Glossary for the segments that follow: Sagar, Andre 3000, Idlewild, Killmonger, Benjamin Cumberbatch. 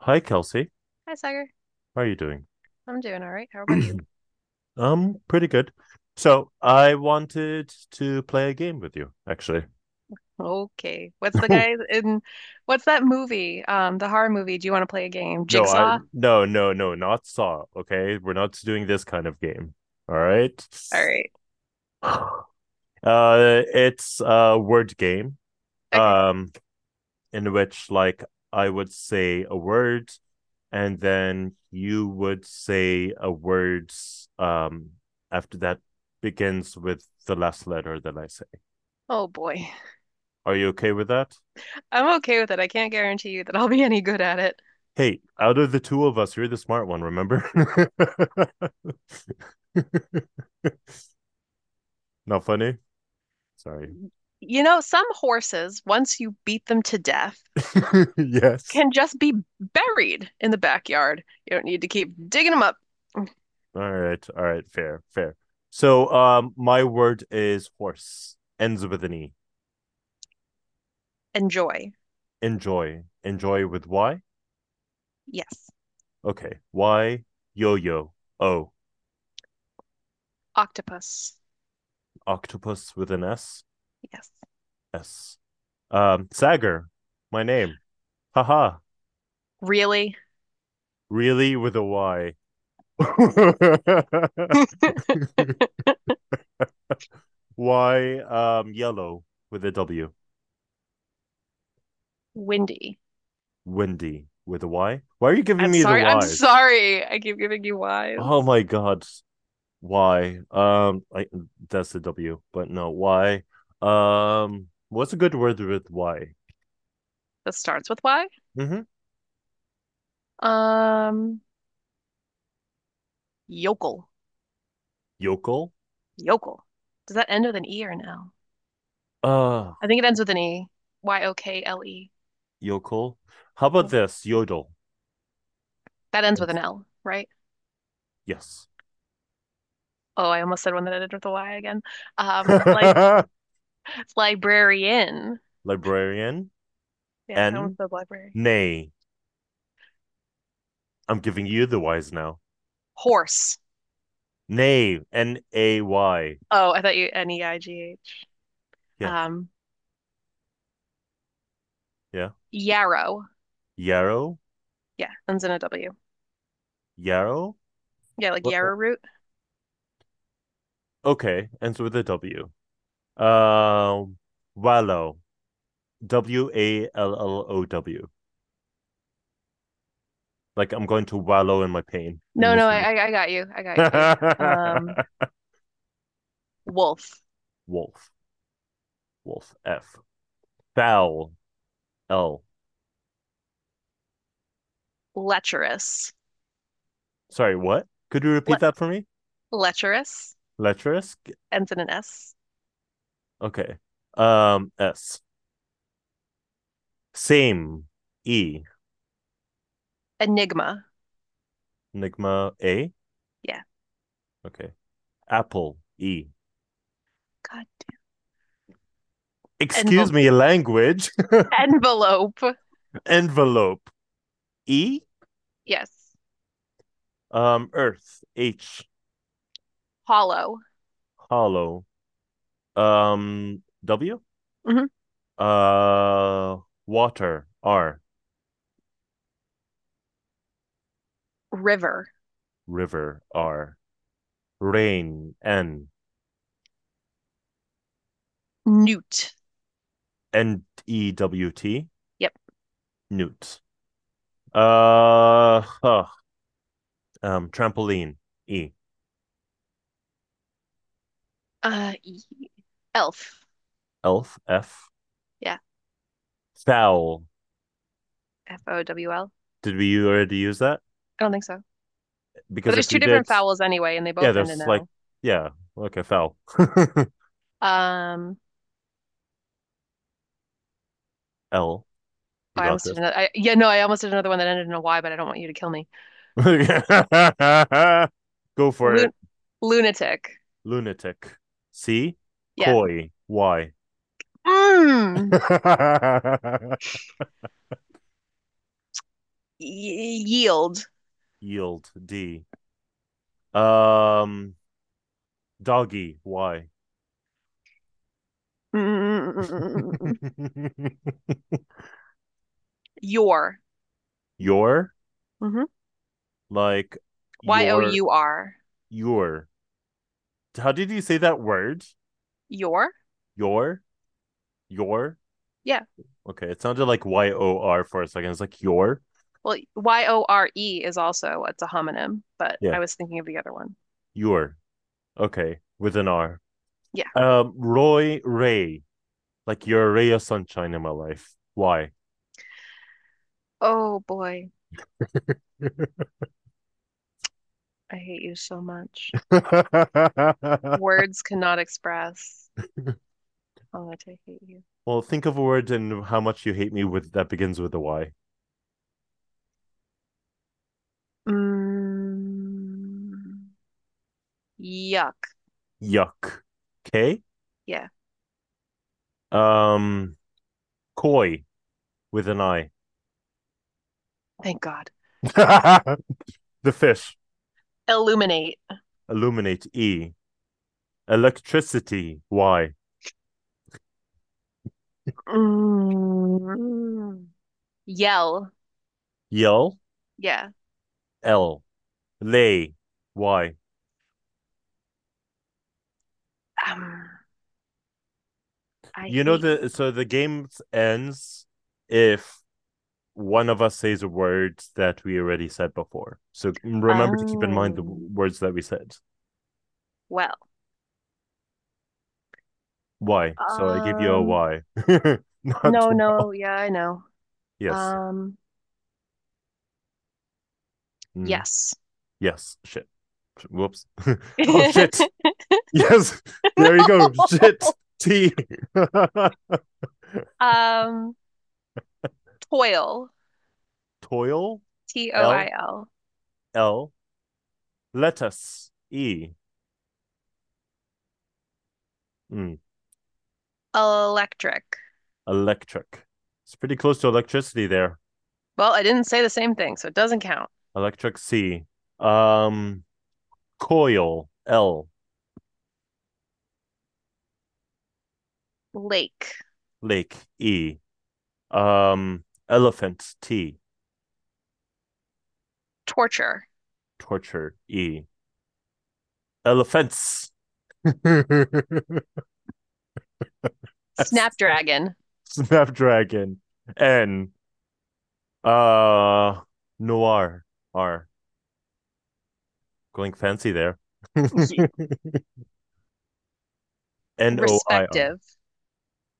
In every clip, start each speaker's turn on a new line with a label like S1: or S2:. S1: Hi, Kelsey.
S2: Hi, Sagar.
S1: How are you doing?
S2: I'm doing all right. How about you?
S1: Pretty good. So I wanted to play a game with you, actually.
S2: Okay. What's the guy in what's that movie? The horror movie. Do you want to play a game?
S1: No, I
S2: Jigsaw?
S1: no, no, no, not Saw. Okay, we're not doing this kind of game. All right.
S2: All right.
S1: It's a word game.
S2: Okay.
S1: Um, in which like I would say a word, and then you would say a word. Um, after that begins with the last letter that I say.
S2: Oh boy.
S1: Are you okay with that?
S2: I'm okay with it. I can't guarantee you that I'll be any good at it.
S1: Hey, out of the two of us, you're the smart one, remember? Not funny? Sorry.
S2: You know, some horses, once you beat them to death,
S1: Yes.
S2: can just be buried in the backyard. You don't need to keep digging them up.
S1: All right. All right. Fair. Fair. So my word is horse. Ends with an E.
S2: Enjoy.
S1: Enjoy. Enjoy with Y.
S2: Yes.
S1: Okay. Y yo yo. O.
S2: Octopus.
S1: Octopus with an S.
S2: Yes.
S1: S. Sagar. My name. Haha.
S2: Really?
S1: Really with a Y. Why yellow with a W?
S2: Windy.
S1: Windy with a Y? Why are you giving
S2: I'm
S1: me the
S2: sorry. I'm
S1: Y's?
S2: sorry. I keep giving you
S1: Oh
S2: whys.
S1: my god. Why? I that's the W, but no, why? What's a good word with Y?
S2: That starts with Y.
S1: Mm-hmm.
S2: Um, Yokel.
S1: Yokel?
S2: Yokel. Does that end with an E or an L?
S1: Uh
S2: I think it ends with an E. Yokle.
S1: yokel. How about
S2: Yeah.
S1: this? Yodel.
S2: That ends with an L, right?
S1: Yes.
S2: Oh, I almost said one that ended with a Y again. Um, lib Librarian.
S1: Librarian.
S2: Yeah, I
S1: N.
S2: almost said library.
S1: Nay. I'm giving you the Y's now.
S2: Horse.
S1: Nay. N A Y.
S2: Oh, I thought you Neigh.
S1: Yeah,
S2: Um,
S1: yeah.
S2: Yarrow.
S1: Yarrow,
S2: Yeah, ends in a W.
S1: Yarrow.
S2: Yeah, like
S1: Wha- o-
S2: yarrow root.
S1: Okay, ends with a W. Um, wallow, W A L L O W. Like I'm going to wallow in my pain and
S2: No, no, I,
S1: misery.
S2: I I got you. I got you. Um, Wolf.
S1: Wolf, wolf, F. Foul, L.
S2: Lecherous.
S1: Sorry, what? Could you
S2: Le
S1: repeat that for me?
S2: Lecherous.
S1: Lecherous.
S2: Ends in an S.
S1: Okay. S. Same, E.
S2: Enigma.
S1: Enigma, A.
S2: Yeah.
S1: Okay. Apple, E.
S2: God.
S1: Excuse
S2: Envel-
S1: me, language.
S2: Envelope.
S1: Envelope. E,
S2: Yes.
S1: Earth, H,
S2: Hollow.
S1: hollow, W,
S2: hmm
S1: uh water, R,
S2: River.
S1: river, R, rain, N
S2: Newt.
S1: N E W T
S2: Yep.
S1: newt, uh huh, trampoline, E,
S2: Uh, e- Elf.
S1: elf, F,
S2: Yeah.
S1: foul.
S2: Fowl.
S1: Did we already use that,
S2: I don't think so. But
S1: because
S2: there's
S1: if
S2: two
S1: we did?
S2: different vowels anyway, and they
S1: Yeah
S2: both end in
S1: there's like
S2: L.
S1: yeah Okay, foul.
S2: Um,
S1: L. You
S2: oh, I
S1: got
S2: almost did
S1: this.
S2: another. Yeah, no, I almost did another one that ended in a Y, but I don't want you to kill me.
S1: Go for
S2: Lun.
S1: it.
S2: Lunatic.
S1: Lunatic. C.
S2: Yeah.
S1: Coy. Y.
S2: Mm. Yield.
S1: Yield. D. Um, doggy. Y.
S2: Mm. Your.
S1: Your.
S2: hmm
S1: Like
S2: Y O
S1: your.
S2: U R.
S1: Your. How did you say that word?
S2: Your?
S1: Your. Your.
S2: Yeah.
S1: Okay, it sounded like YOR for a second. It's like your.
S2: Well, Yore is also it's a homonym, but
S1: Yeah,
S2: I was thinking of the other one.
S1: your. Okay, with an R.
S2: Yeah.
S1: Roy Ray. Like you're a ray of sunshine in my life. Why?
S2: Oh boy, I hate you so much. Words cannot express how much I hate you.
S1: Well, think of a word and how much you hate me with that begins with a Y.
S2: Mm, yuck.
S1: Yuck. Okay.
S2: Yeah.
S1: Um, koi with an I.
S2: Thank God.
S1: The fish.
S2: Illuminate.
S1: Illuminate, E. Electricity, Y.
S2: Mm, yell.
S1: Yell,
S2: Yeah.
S1: L. Lay, Y.
S2: Um, I
S1: You know
S2: hate you.
S1: the game ends if one of us says a word that we already said before. So remember to keep in mind the
S2: Um,
S1: words that we said.
S2: well.
S1: Why? So I gave you a
S2: Um,
S1: why. Not
S2: no, no.
S1: well.
S2: Yeah, I know.
S1: Yes.
S2: Um,
S1: Mm,
S2: yes.
S1: yes. Shit. Whoops. Oh shit. Yes. There you go. Shit.
S2: No.
S1: T.
S2: Um, Toil.
S1: Toil. L.
S2: Toil.
S1: L. Lettuce. E. Mm,
S2: Electric.
S1: electric. It's pretty close to electricity there.
S2: Well, I didn't say the same thing, so it doesn't count.
S1: Electric, C. Um. Coil. L.
S2: Lake.
S1: Lake. E. Elephant. T.
S2: Torture.
S1: Torture. E. Elephants. S.
S2: Snapdragon.
S1: Snapdragon. N. Uh, noir. R. Going fancy there. NOIR.
S2: Respective.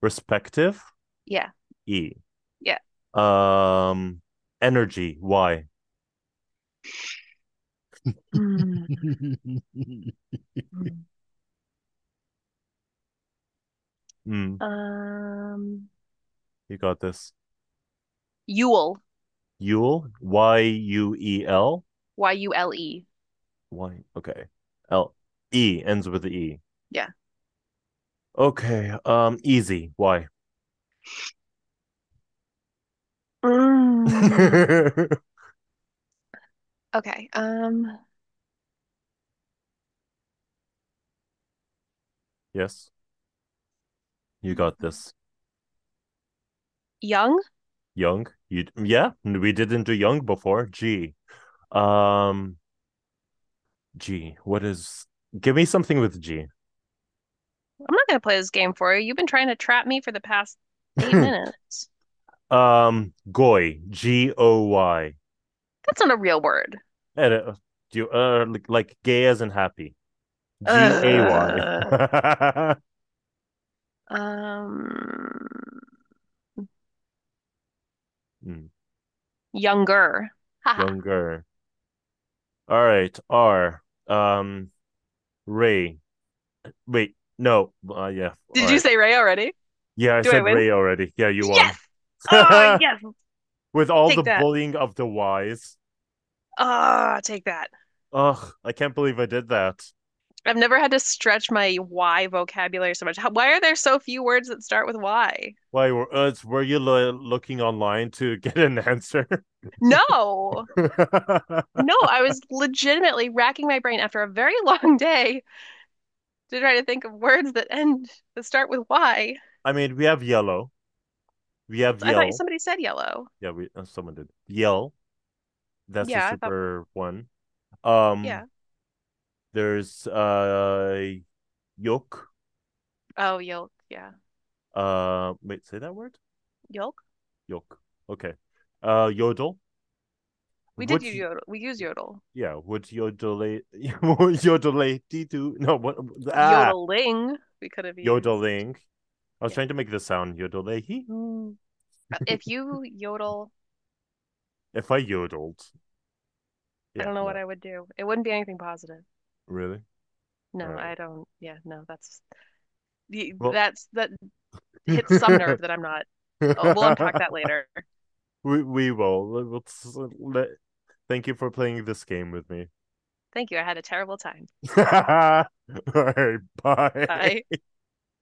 S1: Respective.
S2: Yeah.
S1: E.
S2: Yeah.
S1: Um, energy. Y.
S2: Mm.
S1: Mm,
S2: Um,
S1: you got this.
S2: Yule.
S1: Yule. YUEL.
S2: Yule.
S1: Y. Okay. L. E ends with the E.
S2: Yeah.
S1: Okay. Easy. Y.
S2: Mm. Okay.
S1: Yes, you got this.
S2: Young.
S1: Young. You yeah. We didn't do young before. G. Um, G. What is? Give me something with G.
S2: I'm not going to play this game for you. You've been trying to trap me for the past eight minutes.
S1: Goy. G O Y.
S2: That's not a real word.
S1: And, do you like gay as in happy? GAY.
S2: Ugh. Um, Younger. Haha.
S1: Younger. All right. R. Um. Ray. Wait. No. Yeah. All
S2: Did you
S1: right.
S2: say Ray already?
S1: Yeah, I
S2: Do I
S1: said
S2: win?
S1: Ray already. Yeah, you won.
S2: Yes. Oh, yes.
S1: With all the
S2: Take that.
S1: bullying of the Y's.
S2: Oh, take that.
S1: Ugh, I can't believe I did that.
S2: I've never had to stretch my Y vocabulary so much. Why are there so few words that start with Y?
S1: Why were you looking online to get an answer?
S2: No. No, I was legitimately racking my brain after a very long day to try to think of words that end that start with Y.
S1: I mean, we have yellow. We have
S2: It's, I thought
S1: yell.
S2: somebody said yellow.
S1: Yeah, we someone did yell. That's a
S2: Yeah, I thought
S1: super one. Um,
S2: yeah.
S1: there's yoke.
S2: Oh, yolk. Yeah,
S1: Wait, say that word.
S2: yolk.
S1: Yoke. Okay. Yodel.
S2: We did
S1: Would
S2: use yodel. We use yodel.
S1: yeah? Would yodel yodel to no what ah
S2: Yodeling. We could have used.
S1: yodeling. I was
S2: Yeah.
S1: trying to make the sound yodel
S2: If you yodel,
S1: if I yodeled.
S2: I
S1: Yeah,
S2: don't know what
S1: no,
S2: I would do. It wouldn't be anything positive.
S1: really. All
S2: No,
S1: right.
S2: I don't. Yeah, no. That's that hits
S1: Well,
S2: some nerve that I'm not. Oh, we'll unpack that later.
S1: we will. let- Thank you for playing this game with me.
S2: Thank you. I had a terrible time.
S1: All right,
S2: Bye.
S1: bye.